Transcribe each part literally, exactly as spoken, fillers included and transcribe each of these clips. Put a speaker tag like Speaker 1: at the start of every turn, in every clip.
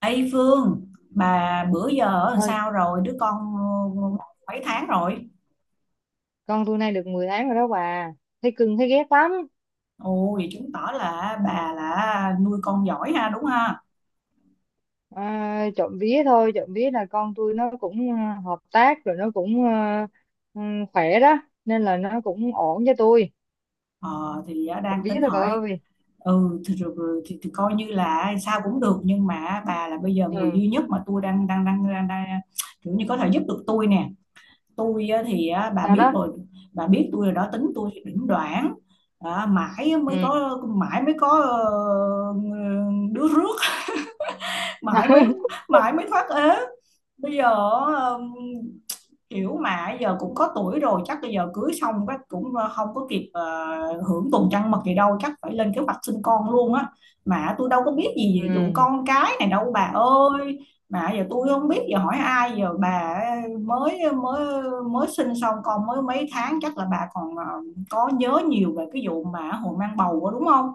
Speaker 1: Ê Phương, bà bữa giờ làm
Speaker 2: Ôi,
Speaker 1: sao rồi? Đứa con ờ, mấy tháng rồi?
Speaker 2: con tôi nay được mười tháng rồi đó bà, thấy cưng thấy ghét lắm.
Speaker 1: Ồ, vậy chứng tỏ là bà là nuôi con giỏi ha, đúng ha?
Speaker 2: À, trộm vía thôi, trộm vía là con tôi nó cũng ờ, hợp tác, rồi nó cũng ờ, ừ, khỏe đó, nên là nó cũng ổn cho tôi.
Speaker 1: Ờ, thì ờ,
Speaker 2: Trộm
Speaker 1: đang
Speaker 2: vía
Speaker 1: tính
Speaker 2: thôi bà
Speaker 1: hỏi.
Speaker 2: ơi.
Speaker 1: Ừ thì, rồi- rồi- thì, thì coi như là sao cũng được, nhưng mà bà là bây giờ người
Speaker 2: Ừ.
Speaker 1: duy nhất mà tôi đang đang đang, đang, đang kiểu như có thể giúp được tôi nè. Tôi ờ, thì ờ, bà
Speaker 2: Sao
Speaker 1: biết
Speaker 2: đó?
Speaker 1: rồi, bà biết tôi rồi đó, tính tôi thì đỉnh đoạn. Đó, mãi mới
Speaker 2: Ừ.
Speaker 1: có mãi mới có ờ, đứa rước. mãi mới mãi mới thoát ế bây giờ. um, Kiểu mà giờ cũng có tuổi rồi, chắc bây giờ cưới xong cái cũng ờ, không có kịp ờ, hưởng tuần trăng mật gì đâu, chắc phải lên kế hoạch sinh con luôn á. Mà tôi đâu có biết gì về vụ
Speaker 2: Ừ,
Speaker 1: con cái này đâu bà ơi, mà giờ tôi không biết giờ hỏi ai giờ bà. Ờ, mới mới Mới sinh xong con mới mấy tháng, chắc là bà còn ờ, có nhớ nhiều về cái vụ mà hồi mang bầu đó, đúng không?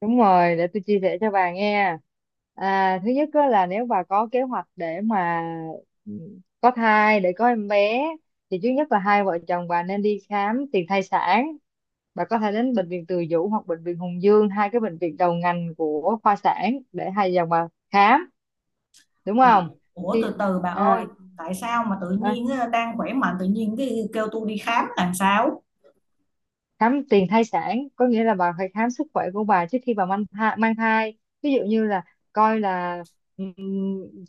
Speaker 2: đúng rồi, để tôi chia sẻ cho bà nghe. À, thứ nhất á là nếu bà có kế hoạch để mà ừ, có thai, để có em bé, thì trước nhất là hai vợ chồng bà nên đi khám tiền thai sản. Bà có thể đến bệnh viện Từ Dũ hoặc bệnh viện Hùng Dương, hai cái bệnh viện đầu ngành của khoa sản, để hai dòng bà khám, đúng
Speaker 1: Ừ.
Speaker 2: không?
Speaker 1: Ủa
Speaker 2: Thì,
Speaker 1: từ từ bà ơi.
Speaker 2: à,
Speaker 1: Tại sao mà tự
Speaker 2: à,
Speaker 1: nhiên á, đang khỏe mạnh tự nhiên cái kêu tôi đi khám làm sao?
Speaker 2: Khám tiền thai sản có nghĩa là bà phải khám sức khỏe của bà trước khi bà mang thai, mang thai. Ví dụ như là coi là, ừm,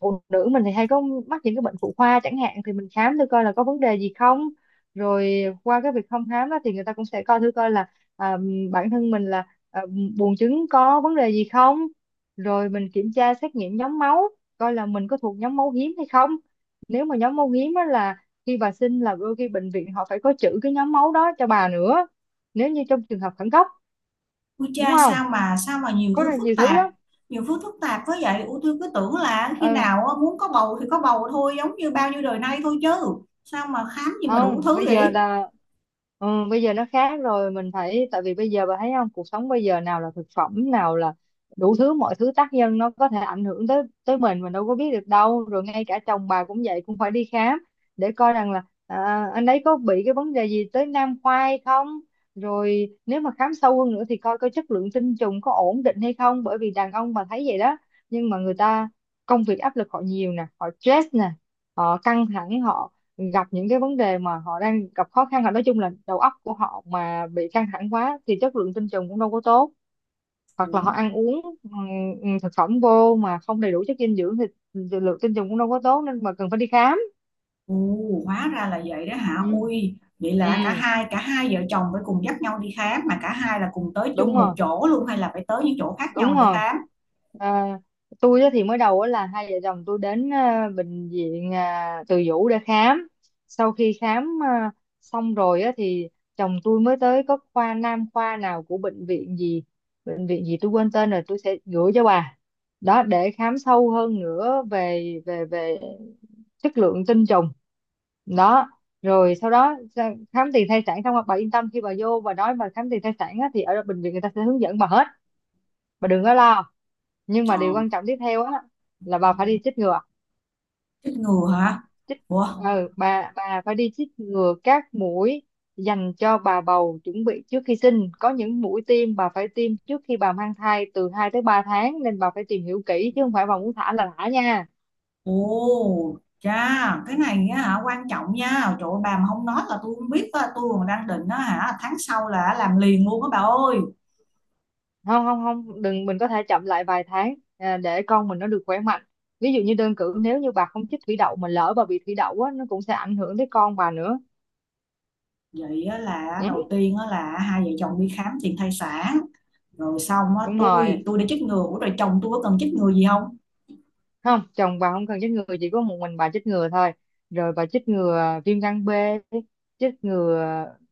Speaker 2: phụ nữ mình thì hay có mắc những cái bệnh phụ khoa chẳng hạn, thì mình khám thử coi là có vấn đề gì không. Rồi qua cái việc thăm khám đó thì người ta cũng sẽ coi thử coi là à, bản thân mình là à, buồng trứng có vấn đề gì không. Rồi mình kiểm tra xét nghiệm nhóm máu, coi là mình có thuộc nhóm máu hiếm hay không. Nếu mà nhóm máu hiếm á là khi bà sinh là đôi khi bệnh viện họ phải có trữ cái nhóm máu đó cho bà nữa, nếu như trong trường hợp khẩn cấp.
Speaker 1: Ui
Speaker 2: Đúng
Speaker 1: cha,
Speaker 2: không,
Speaker 1: sao mà sao mà nhiều
Speaker 2: có rất
Speaker 1: thứ
Speaker 2: là
Speaker 1: phức
Speaker 2: nhiều thứ
Speaker 1: tạp.
Speaker 2: lắm.
Speaker 1: Nhiều thứ phức tạp quá vậy. Ủa tôi cứ tưởng là khi
Speaker 2: Ừ,
Speaker 1: nào á, muốn có bầu thì có bầu thôi, giống như bao nhiêu đời nay thôi chứ. Sao mà khám gì mà đủ
Speaker 2: không,
Speaker 1: thứ
Speaker 2: bây giờ
Speaker 1: vậy?
Speaker 2: là, ừ, bây giờ nó khác rồi, mình phải, tại vì bây giờ bà thấy không, cuộc sống bây giờ nào là thực phẩm, nào là đủ thứ, mọi thứ tác nhân nó có thể ảnh hưởng tới tới mình mình đâu có biết được đâu. Rồi ngay cả chồng bà cũng vậy, cũng phải đi khám để coi rằng là à, anh ấy có bị cái vấn đề gì tới nam khoai không. Rồi nếu mà khám sâu hơn nữa thì coi coi chất lượng tinh trùng có ổn định hay không, bởi vì đàn ông bà thấy vậy đó, nhưng mà người ta công việc áp lực họ nhiều nè, họ stress nè, họ căng thẳng, họ gặp những cái vấn đề mà họ đang gặp khó khăn, là nói chung là đầu óc của họ mà bị căng thẳng quá thì chất lượng tinh trùng cũng đâu có tốt. Hoặc là họ
Speaker 1: Ủa,
Speaker 2: ăn uống ừm, thực phẩm vô mà không đầy đủ chất dinh dưỡng thì lượng tinh trùng cũng đâu có tốt, nên mà cần phải đi khám.
Speaker 1: Ồ, hóa ra là vậy đó hả.
Speaker 2: Ừ,
Speaker 1: Ui vậy là cả
Speaker 2: ừ,
Speaker 1: hai cả hai vợ chồng phải cùng dắt nhau đi khám? Mà cả hai là cùng tới
Speaker 2: đúng
Speaker 1: chung một
Speaker 2: rồi,
Speaker 1: chỗ luôn, hay là phải tới những chỗ khác
Speaker 2: đúng
Speaker 1: nhau để
Speaker 2: rồi.
Speaker 1: khám?
Speaker 2: à, tôi á thì mới đầu á là hai vợ chồng tôi đến à, bệnh viện à, Từ Dũ để khám. Sau khi khám à, xong rồi á thì chồng tôi mới tới có khoa nam, khoa nào của bệnh viện gì, bệnh viện gì tôi quên tên rồi, tôi sẽ gửi cho bà đó, để khám sâu hơn nữa về về về chất lượng tinh trùng. Đó, rồi sau đó ra- khám tiền thai sản xong, bà yên tâm khi bà vô bà nói bà khám tiền thai sản á, thì ở bệnh viện người ta sẽ hướng dẫn bà hết, bà đừng có lo. Nhưng mà
Speaker 1: Ờ,
Speaker 2: điều quan trọng tiếp theo á là bà phải đi chích ngừa.
Speaker 1: chết ngừa hả?
Speaker 2: Chích,
Speaker 1: Ủa
Speaker 2: ờ, bà bà phải đi chích ngừa các mũi dành cho bà bầu chuẩn bị trước khi sinh, có những mũi tiêm bà phải tiêm trước khi bà mang thai từ hai tới ba tháng, nên bà phải tìm hiểu kỹ chứ không phải bà muốn thả là thả nha.
Speaker 1: Ồ cha, cái này á hả, quan trọng nha. Trời ơi, bà mà không nói là tôi không biết á, tôi còn đang định á hả tháng sau là làm liền luôn á bà ơi.
Speaker 2: Không không không, đừng, mình có thể chậm lại vài tháng à, để con mình nó được khỏe mạnh. Ví dụ như đơn cử, nếu như bà không chích thủy đậu mà lỡ bà bị thủy đậu á, nó cũng sẽ ảnh hưởng tới con bà nữa.
Speaker 1: Vậy á, là đầu
Speaker 2: Ừ,
Speaker 1: tiên á, là hai vợ chồng đi khám tiền thai sản, rồi xong á,
Speaker 2: đúng rồi,
Speaker 1: tôi tôi đã chích ngừa, ủa rồi chồng tôi có cần chích ngừa gì không?
Speaker 2: không, chồng bà không cần chích ngừa, chỉ có một mình bà chích ngừa thôi. Rồi bà chích ngừa viêm gan B, chích ngừa,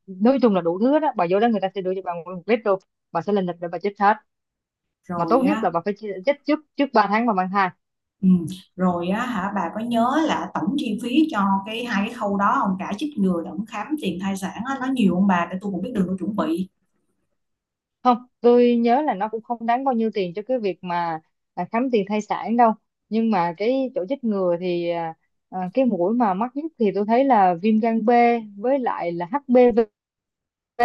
Speaker 2: nói chung là đủ thứ đó, bà vô đó người ta sẽ đưa cho bà nguyên một lít luôn, bà sẽ lên lịch để bà chích hết. Mà
Speaker 1: Rồi
Speaker 2: tốt nhất là
Speaker 1: á.
Speaker 2: bà phải chi- chích trước, trước ba tháng bà mang thai.
Speaker 1: Ừ, rồi á hả, bà có nhớ là tổng chi phí cho cái hai cái khâu đó không? Cả chích ngừa lẫn khám tiền thai sản á, nó nhiều không bà? Để tôi cũng biết đường tôi chuẩn bị.
Speaker 2: Không, tôi nhớ là nó cũng không đáng bao nhiêu tiền cho cái việc mà à, khám tiền thai sản đâu. Nhưng mà cái chỗ chích ngừa thì à, à, cái mũi mà mắc nhất thì tôi thấy là viêm gan B, với lại là hát pê vê B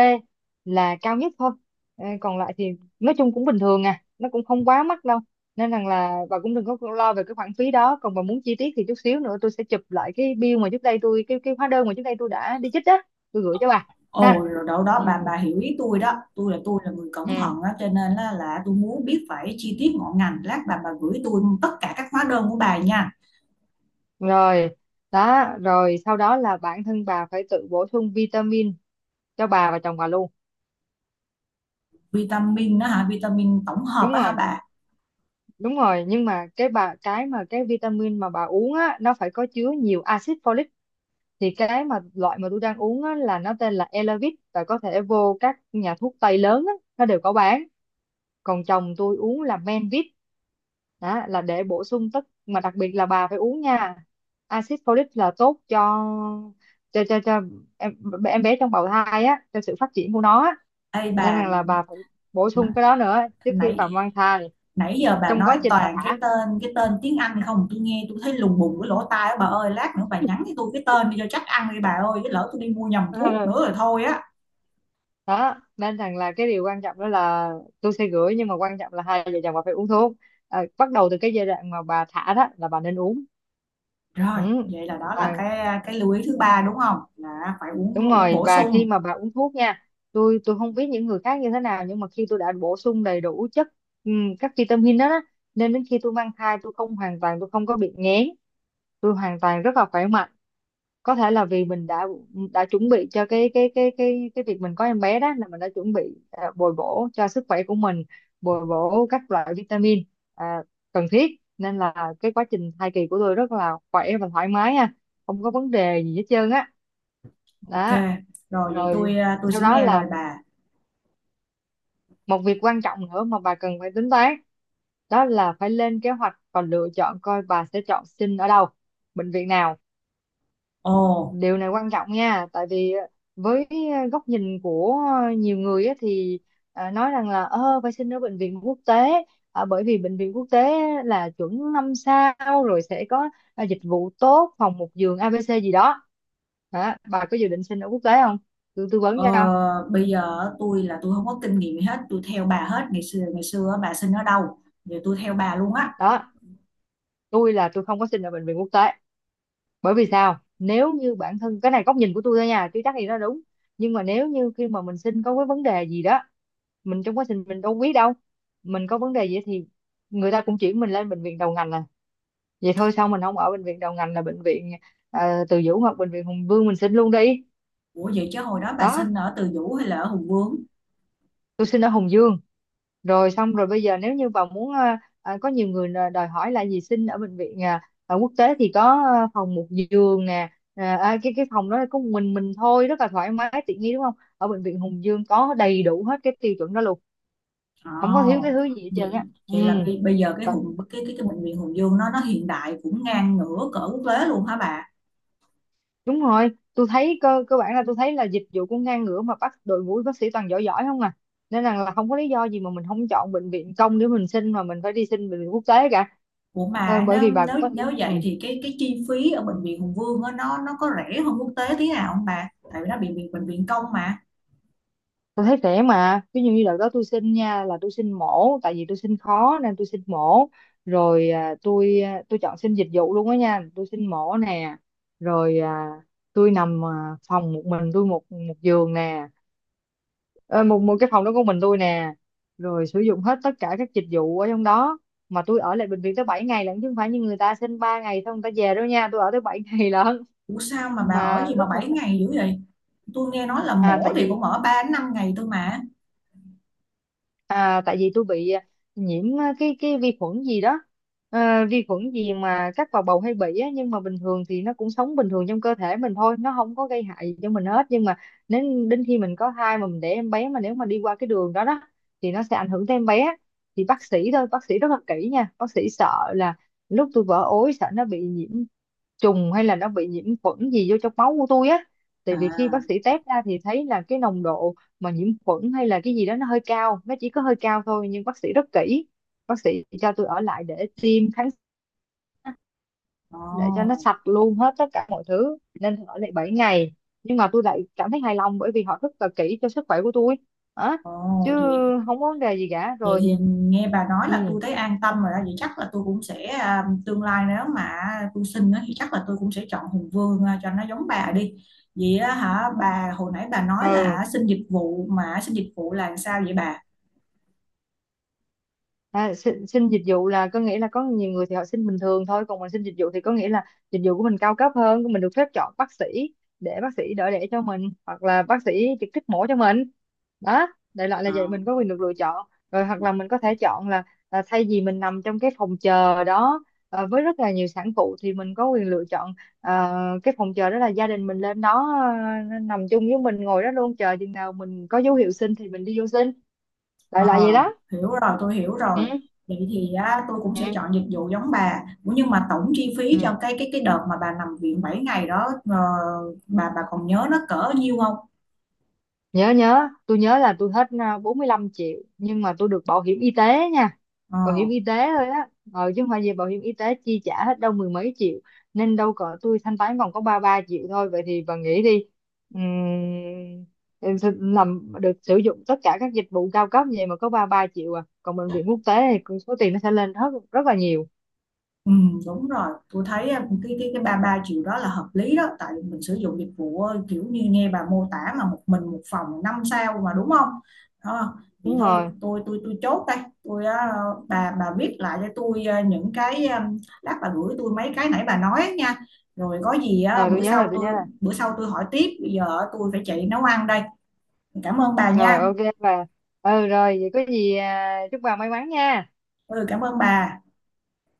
Speaker 2: là cao nhất thôi. Ờ, còn lại thì nói chung cũng bình thường à, nó cũng không quá mắc đâu, nên rằng là bà cũng đừng có lo về cái khoản phí đó. Còn bà muốn chi tiết thì chút xíu nữa tôi sẽ chụp lại cái bill mà trước đây tôi, cái cái hóa đơn mà trước đây tôi đã đi chích á, tôi gửi cho bà.
Speaker 1: Ồ
Speaker 2: Ha,
Speaker 1: rồi, đâu đó bà
Speaker 2: ừ,
Speaker 1: bà hiểu ý tôi đó, tôi là tôi là người cẩn
Speaker 2: ừ,
Speaker 1: thận đó, cho nên là, là tôi muốn biết phải chi tiết ngọn ngành, lát bà bà gửi tôi tất cả các hóa đơn của bà nha.
Speaker 2: rồi. Đó, rồi sau đó là bản thân bà phải tự bổ sung vitamin cho bà và chồng bà luôn.
Speaker 1: Vitamin đó hả, vitamin tổng hợp
Speaker 2: Đúng
Speaker 1: đó hả
Speaker 2: rồi,
Speaker 1: bà?
Speaker 2: đúng rồi, nhưng mà cái bà cái mà cái vitamin mà bà uống á, nó phải có chứa nhiều axit folic. Thì cái mà loại mà tôi đang uống á, là nó tên là Elavit, và có thể vô các nhà thuốc tây lớn á, nó đều có bán. Còn chồng tôi uống là Menvit. Đó là để bổ sung tất, mà đặc biệt là bà phải uống nha. Axit folic là tốt cho cho cho, cho em, em bé trong bào thai á, cho sự phát triển của nó á.
Speaker 1: Ê bà,
Speaker 2: Nên rằng là bà phải bổ
Speaker 1: n-
Speaker 2: sung cái đó nữa trước khi bà
Speaker 1: nãy
Speaker 2: mang thai,
Speaker 1: nãy giờ bà
Speaker 2: trong quá
Speaker 1: nói
Speaker 2: trình bà
Speaker 1: toàn cái tên cái tên tiếng Anh không, tôi nghe tôi thấy lùng bùng cái lỗ tai á bà ơi, lát nữa bà nhắn cho tôi cái tên đi cho chắc ăn đi bà ơi, chứ lỡ tôi đi mua nhầm thuốc nữa
Speaker 2: thả
Speaker 1: rồi thôi á.
Speaker 2: đó. Nên rằng là cái điều quan trọng đó là tôi sẽ gửi, nhưng mà quan trọng là hai vợ chồng bà phải uống thuốc à, bắt đầu từ cái giai đoạn mà bà thả đó là bà nên uống.
Speaker 1: Rồi
Speaker 2: Ừ.
Speaker 1: vậy là đó là
Speaker 2: Và,
Speaker 1: cái cái lưu ý thứ ba đúng không, là phải uống
Speaker 2: đúng
Speaker 1: uống
Speaker 2: rồi,
Speaker 1: bổ
Speaker 2: và khi
Speaker 1: sung.
Speaker 2: mà bà uống thuốc nha, tôi tôi không biết những người khác như thế nào, nhưng mà khi tôi đã bổ sung đầy đủ chất, ừm, các vitamin đó, đó, nên đến khi tôi mang thai tôi không, hoàn toàn tôi không có bị nghén, tôi hoàn toàn rất là khỏe mạnh. Có thể là vì mình đã đã chuẩn bị cho cái cái cái cái cái việc mình có em bé, đó là mình đã chuẩn bị à, bồi bổ cho sức khỏe của mình, bồi bổ các loại vitamin à, cần thiết, nên là cái quá trình thai kỳ của tôi rất là khỏe và thoải mái ha, không có vấn đề gì hết trơn á.
Speaker 1: Ok,
Speaker 2: Đó,
Speaker 1: rồi vậy
Speaker 2: rồi
Speaker 1: tôi à, tôi
Speaker 2: sau
Speaker 1: sẽ
Speaker 2: đó
Speaker 1: nghe lời
Speaker 2: là
Speaker 1: bà.
Speaker 2: một việc quan trọng nữa mà bà cần phải tính toán, đó là phải lên kế hoạch và lựa chọn coi bà sẽ chọn sinh ở đâu, bệnh viện nào.
Speaker 1: Ồ,
Speaker 2: Điều này quan trọng nha, tại vì ờ, với ờ, góc nhìn của ờ, nhiều người á, thì à, nói rằng là ơ phải xin ở bệnh viện quốc tế, à, bởi vì bệnh viện quốc tế là chuẩn năm sao, rồi sẽ có à, dịch vụ tốt, phòng một giường ây bi xi gì đó. Hả? Bà có dự định xin ở quốc tế không, tôi tư vấn
Speaker 1: ờ,
Speaker 2: cho.
Speaker 1: Bây giờ tôi là tôi không có kinh nghiệm gì hết, tôi theo bà hết. Ngày xưa ngày xưa á, bà sinh ở đâu, giờ tôi theo bà luôn á.
Speaker 2: Đó, tôi là tôi không có xin ở bệnh viện quốc tế, bởi vì sao, nếu như bản thân, cái này góc nhìn của tôi thôi nha chứ chắc gì nó đúng, nhưng mà nếu như khi mà mình xin có cái vấn đề gì đó, mình trong quá trình mình đâu biết đâu, mình có vấn đề gì thì người ta cũng chuyển mình lên bệnh viện đầu ngành, là vậy thôi sao mình không ở bệnh viện đầu ngành là bệnh viện ờ, Từ Dũ hoặc bệnh viện Hùng Vương mình xin luôn đi.
Speaker 1: Ủa vậy chứ hồi đó bà
Speaker 2: Đó,
Speaker 1: sinh ở Từ Dũ hay là ở Hùng Vương?
Speaker 2: tôi xin ở Hùng Dương. Rồi xong rồi, bây giờ nếu như bà muốn ờ, ờ, có nhiều người là đòi hỏi là gì, xin ở bệnh viện ờ, ở quốc tế thì có ờ, phòng một giường nè. Ờ, à, cái cái phòng đó có một mình mình thôi, rất là thoải mái tiện nghi, đúng không, ở bệnh viện Hùng Dương có đầy đủ hết cái tiêu chuẩn đó luôn,
Speaker 1: Ồ,
Speaker 2: không có thiếu cái thứ gì hết trơn á.
Speaker 1: vậy
Speaker 2: Ừ.
Speaker 1: vậy là bây, bây giờ cái Hùng cái cái cái bệnh viện Hùng Vương nó nó hiện đại cũng ngang ngửa cỡ quốc tế luôn hả bà?
Speaker 2: Đúng rồi, tôi thấy cơ cơ bản là tôi thấy là dịch vụ cũng ngang ngửa, mà bắt đội ngũ bác sĩ toàn giỏi giỏi không à. Nên rằng là không có lý do gì mà mình không chọn bệnh viện công để mình xin, mà mình phải đi xin bệnh viện quốc tế cả.
Speaker 1: Ủa
Speaker 2: Ờ,
Speaker 1: mà
Speaker 2: bởi
Speaker 1: nếu
Speaker 2: vì bà
Speaker 1: nếu
Speaker 2: cũng có thể
Speaker 1: nếu
Speaker 2: ừ,
Speaker 1: vậy thì cái cái chi phí ở bệnh viện Hùng Vương á, nó nó có rẻ hơn quốc tế tí nào không bà? Tại vì nó bị bệnh viện bệnh viện công mà.
Speaker 2: tôi thấy rẻ mà. Ví dụ như đợt đó tôi xin nha, là tôi xin mổ, tại vì tôi xin khó nên tôi xin mổ. Rồi à, tôi à, tôi chọn xin dịch vụ luôn đó nha, tôi xin mổ nè. Rồi à, tôi nằm à, phòng một mình tôi, một một giường nè. Ờ, một một cái phòng đó của mình tôi nè, rồi sử dụng hết tất cả các dịch vụ ở trong đó. Mà tôi ở lại bệnh viện tới bảy ngày lận, chứ không phải như người ta xin ba ngày xong người ta về đâu nha, tôi ở tới bảy ngày lận.
Speaker 1: Ủa sao mà bà ở
Speaker 2: Mà
Speaker 1: gì mà
Speaker 2: lúc mà
Speaker 1: bảy
Speaker 2: th-
Speaker 1: ngày dữ vậy? Tôi nghe nói là
Speaker 2: à
Speaker 1: mổ
Speaker 2: tại
Speaker 1: thì
Speaker 2: vì
Speaker 1: cũng ở ba đến năm ngày thôi mà.
Speaker 2: À, tại vì tôi bị à, nhiễm à, cái cái vi khuẩn gì đó. À, vi khuẩn gì mà các vào bầu hay bị á, nhưng mà bình thường thì nó cũng sống bình thường trong cơ thể mình thôi, nó không có gây hại gì cho mình hết. Nhưng mà nếu đến khi mình có thai mà mình để em bé, mà nếu mà đi qua cái đường đó đó thì nó sẽ ảnh hưởng tới em bé. Thì bác sĩ, thôi, bác sĩ rất là kỹ nha, bác sĩ sợ là lúc tôi vỡ ối sợ nó bị nhiễm trùng, hay là nó bị nhiễm khuẩn gì vô trong máu của tôi á.
Speaker 1: À,
Speaker 2: Tại vì khi bác sĩ test ra thì thấy là cái nồng độ mà nhiễm khuẩn hay là cái gì đó nó hơi cao, nó chỉ có hơi cao thôi, nhưng bác sĩ rất kỹ. Bác sĩ cho tôi ở lại để tiêm kháng, để cho nó
Speaker 1: ồ,
Speaker 2: sạch luôn hết tất cả mọi thứ, nên ở lại bảy ngày. Nhưng mà tôi lại cảm thấy hài lòng bởi vì họ rất là kỹ cho sức khỏe của tôi á,
Speaker 1: Ồ,
Speaker 2: chứ
Speaker 1: vậy,
Speaker 2: không có vấn đề gì cả
Speaker 1: vậy thì
Speaker 2: rồi.
Speaker 1: nghe bà nói là tôi
Speaker 2: Ừ.
Speaker 1: thấy an tâm rồi đó. Vậy chắc là tôi cũng sẽ, à, tương lai nếu mà tôi sinh á, thì chắc là tôi cũng sẽ chọn Hùng Vương à, cho nó giống bà đi. Vậy á hả, bà hồi nãy bà nói
Speaker 2: Ừ.
Speaker 1: là xin dịch vụ, mà xin dịch vụ là sao vậy bà?
Speaker 2: À, xin, xin dịch vụ là có nghĩa là, có nhiều người thì họ xin bình thường thôi, còn mình xin dịch vụ thì có nghĩa là dịch vụ của mình cao cấp hơn, mình được phép chọn bác sĩ để bác sĩ đỡ đẻ cho mình, hoặc là bác sĩ trực tiếp mổ cho mình đó. Đại loại là
Speaker 1: Ờ.
Speaker 2: vậy, mình có quyền được lựa chọn rồi, hoặc là mình có thể chọn là, là thay vì mình nằm trong cái phòng chờ đó ờ, với rất là nhiều sản phụ, thì mình có quyền lựa chọn ờ, cái phòng chờ đó là gia đình mình lên đó ờ, nằm chung với mình, ngồi đó luôn, chờ chừng nào mình có dấu hiệu sinh thì mình đi vô sinh.
Speaker 1: Ờ,
Speaker 2: Đại loại vậy đó.
Speaker 1: hiểu rồi, tôi hiểu rồi.
Speaker 2: Ừ.
Speaker 1: Vậy thì á, tôi cũng sẽ
Speaker 2: Ừ.
Speaker 1: chọn dịch vụ giống bà. Ủa nhưng mà tổng chi
Speaker 2: Ừ.
Speaker 1: phí cho cái cái cái đợt mà bà nằm viện bảy ngày đó ờ, bà bà còn nhớ nó cỡ nhiêu không?
Speaker 2: Nhớ, nhớ, tôi nhớ là tôi hết à, bốn mươi lăm triệu, nhưng mà tôi được bảo hiểm y tế nha.
Speaker 1: Ờ.
Speaker 2: Bảo hiểm y tế thôi á, ờ, chứ không phải gì bảo hiểm y tế chi trả hết đâu, mười mấy triệu. Nên đâu cỡ tôi thanh toán còn có ba ba triệu thôi. Vậy thì bà nghĩ đi. Ừm, em sẽ làm được, sử dụng tất cả các dịch vụ cao cấp như vậy mà có ba ba triệu à, còn bệnh viện quốc tế thì số tiền nó sẽ lên rất rất là nhiều.
Speaker 1: Ừ, đúng rồi, tôi thấy à, cái cái cái ba ba triệu đó là hợp lý đó, tại mình sử dụng dịch vụ ờ, kiểu như nghe bà mô tả mà một mình một phòng năm sao mà, đúng không? Đó, vậy
Speaker 2: Đúng
Speaker 1: thôi
Speaker 2: rồi.
Speaker 1: tôi tôi tôi chốt đây. Tôi ờ, bà bà viết lại cho tôi ờ, những cái ờ, lát bà gửi tôi mấy cái nãy bà nói á nha. Rồi có gì á,
Speaker 2: Rồi tôi
Speaker 1: bữa
Speaker 2: nhớ
Speaker 1: sau
Speaker 2: là tôi nhớ
Speaker 1: tôi
Speaker 2: là,
Speaker 1: bữa sau tôi hỏi tiếp. Bây giờ tôi phải chạy nấu ăn đây. Cảm ơn bà
Speaker 2: rồi
Speaker 1: nha.
Speaker 2: ok bà. Ừ rồi, vậy có gì à, chúc bà may mắn nha.
Speaker 1: Ừ cảm ơn bà.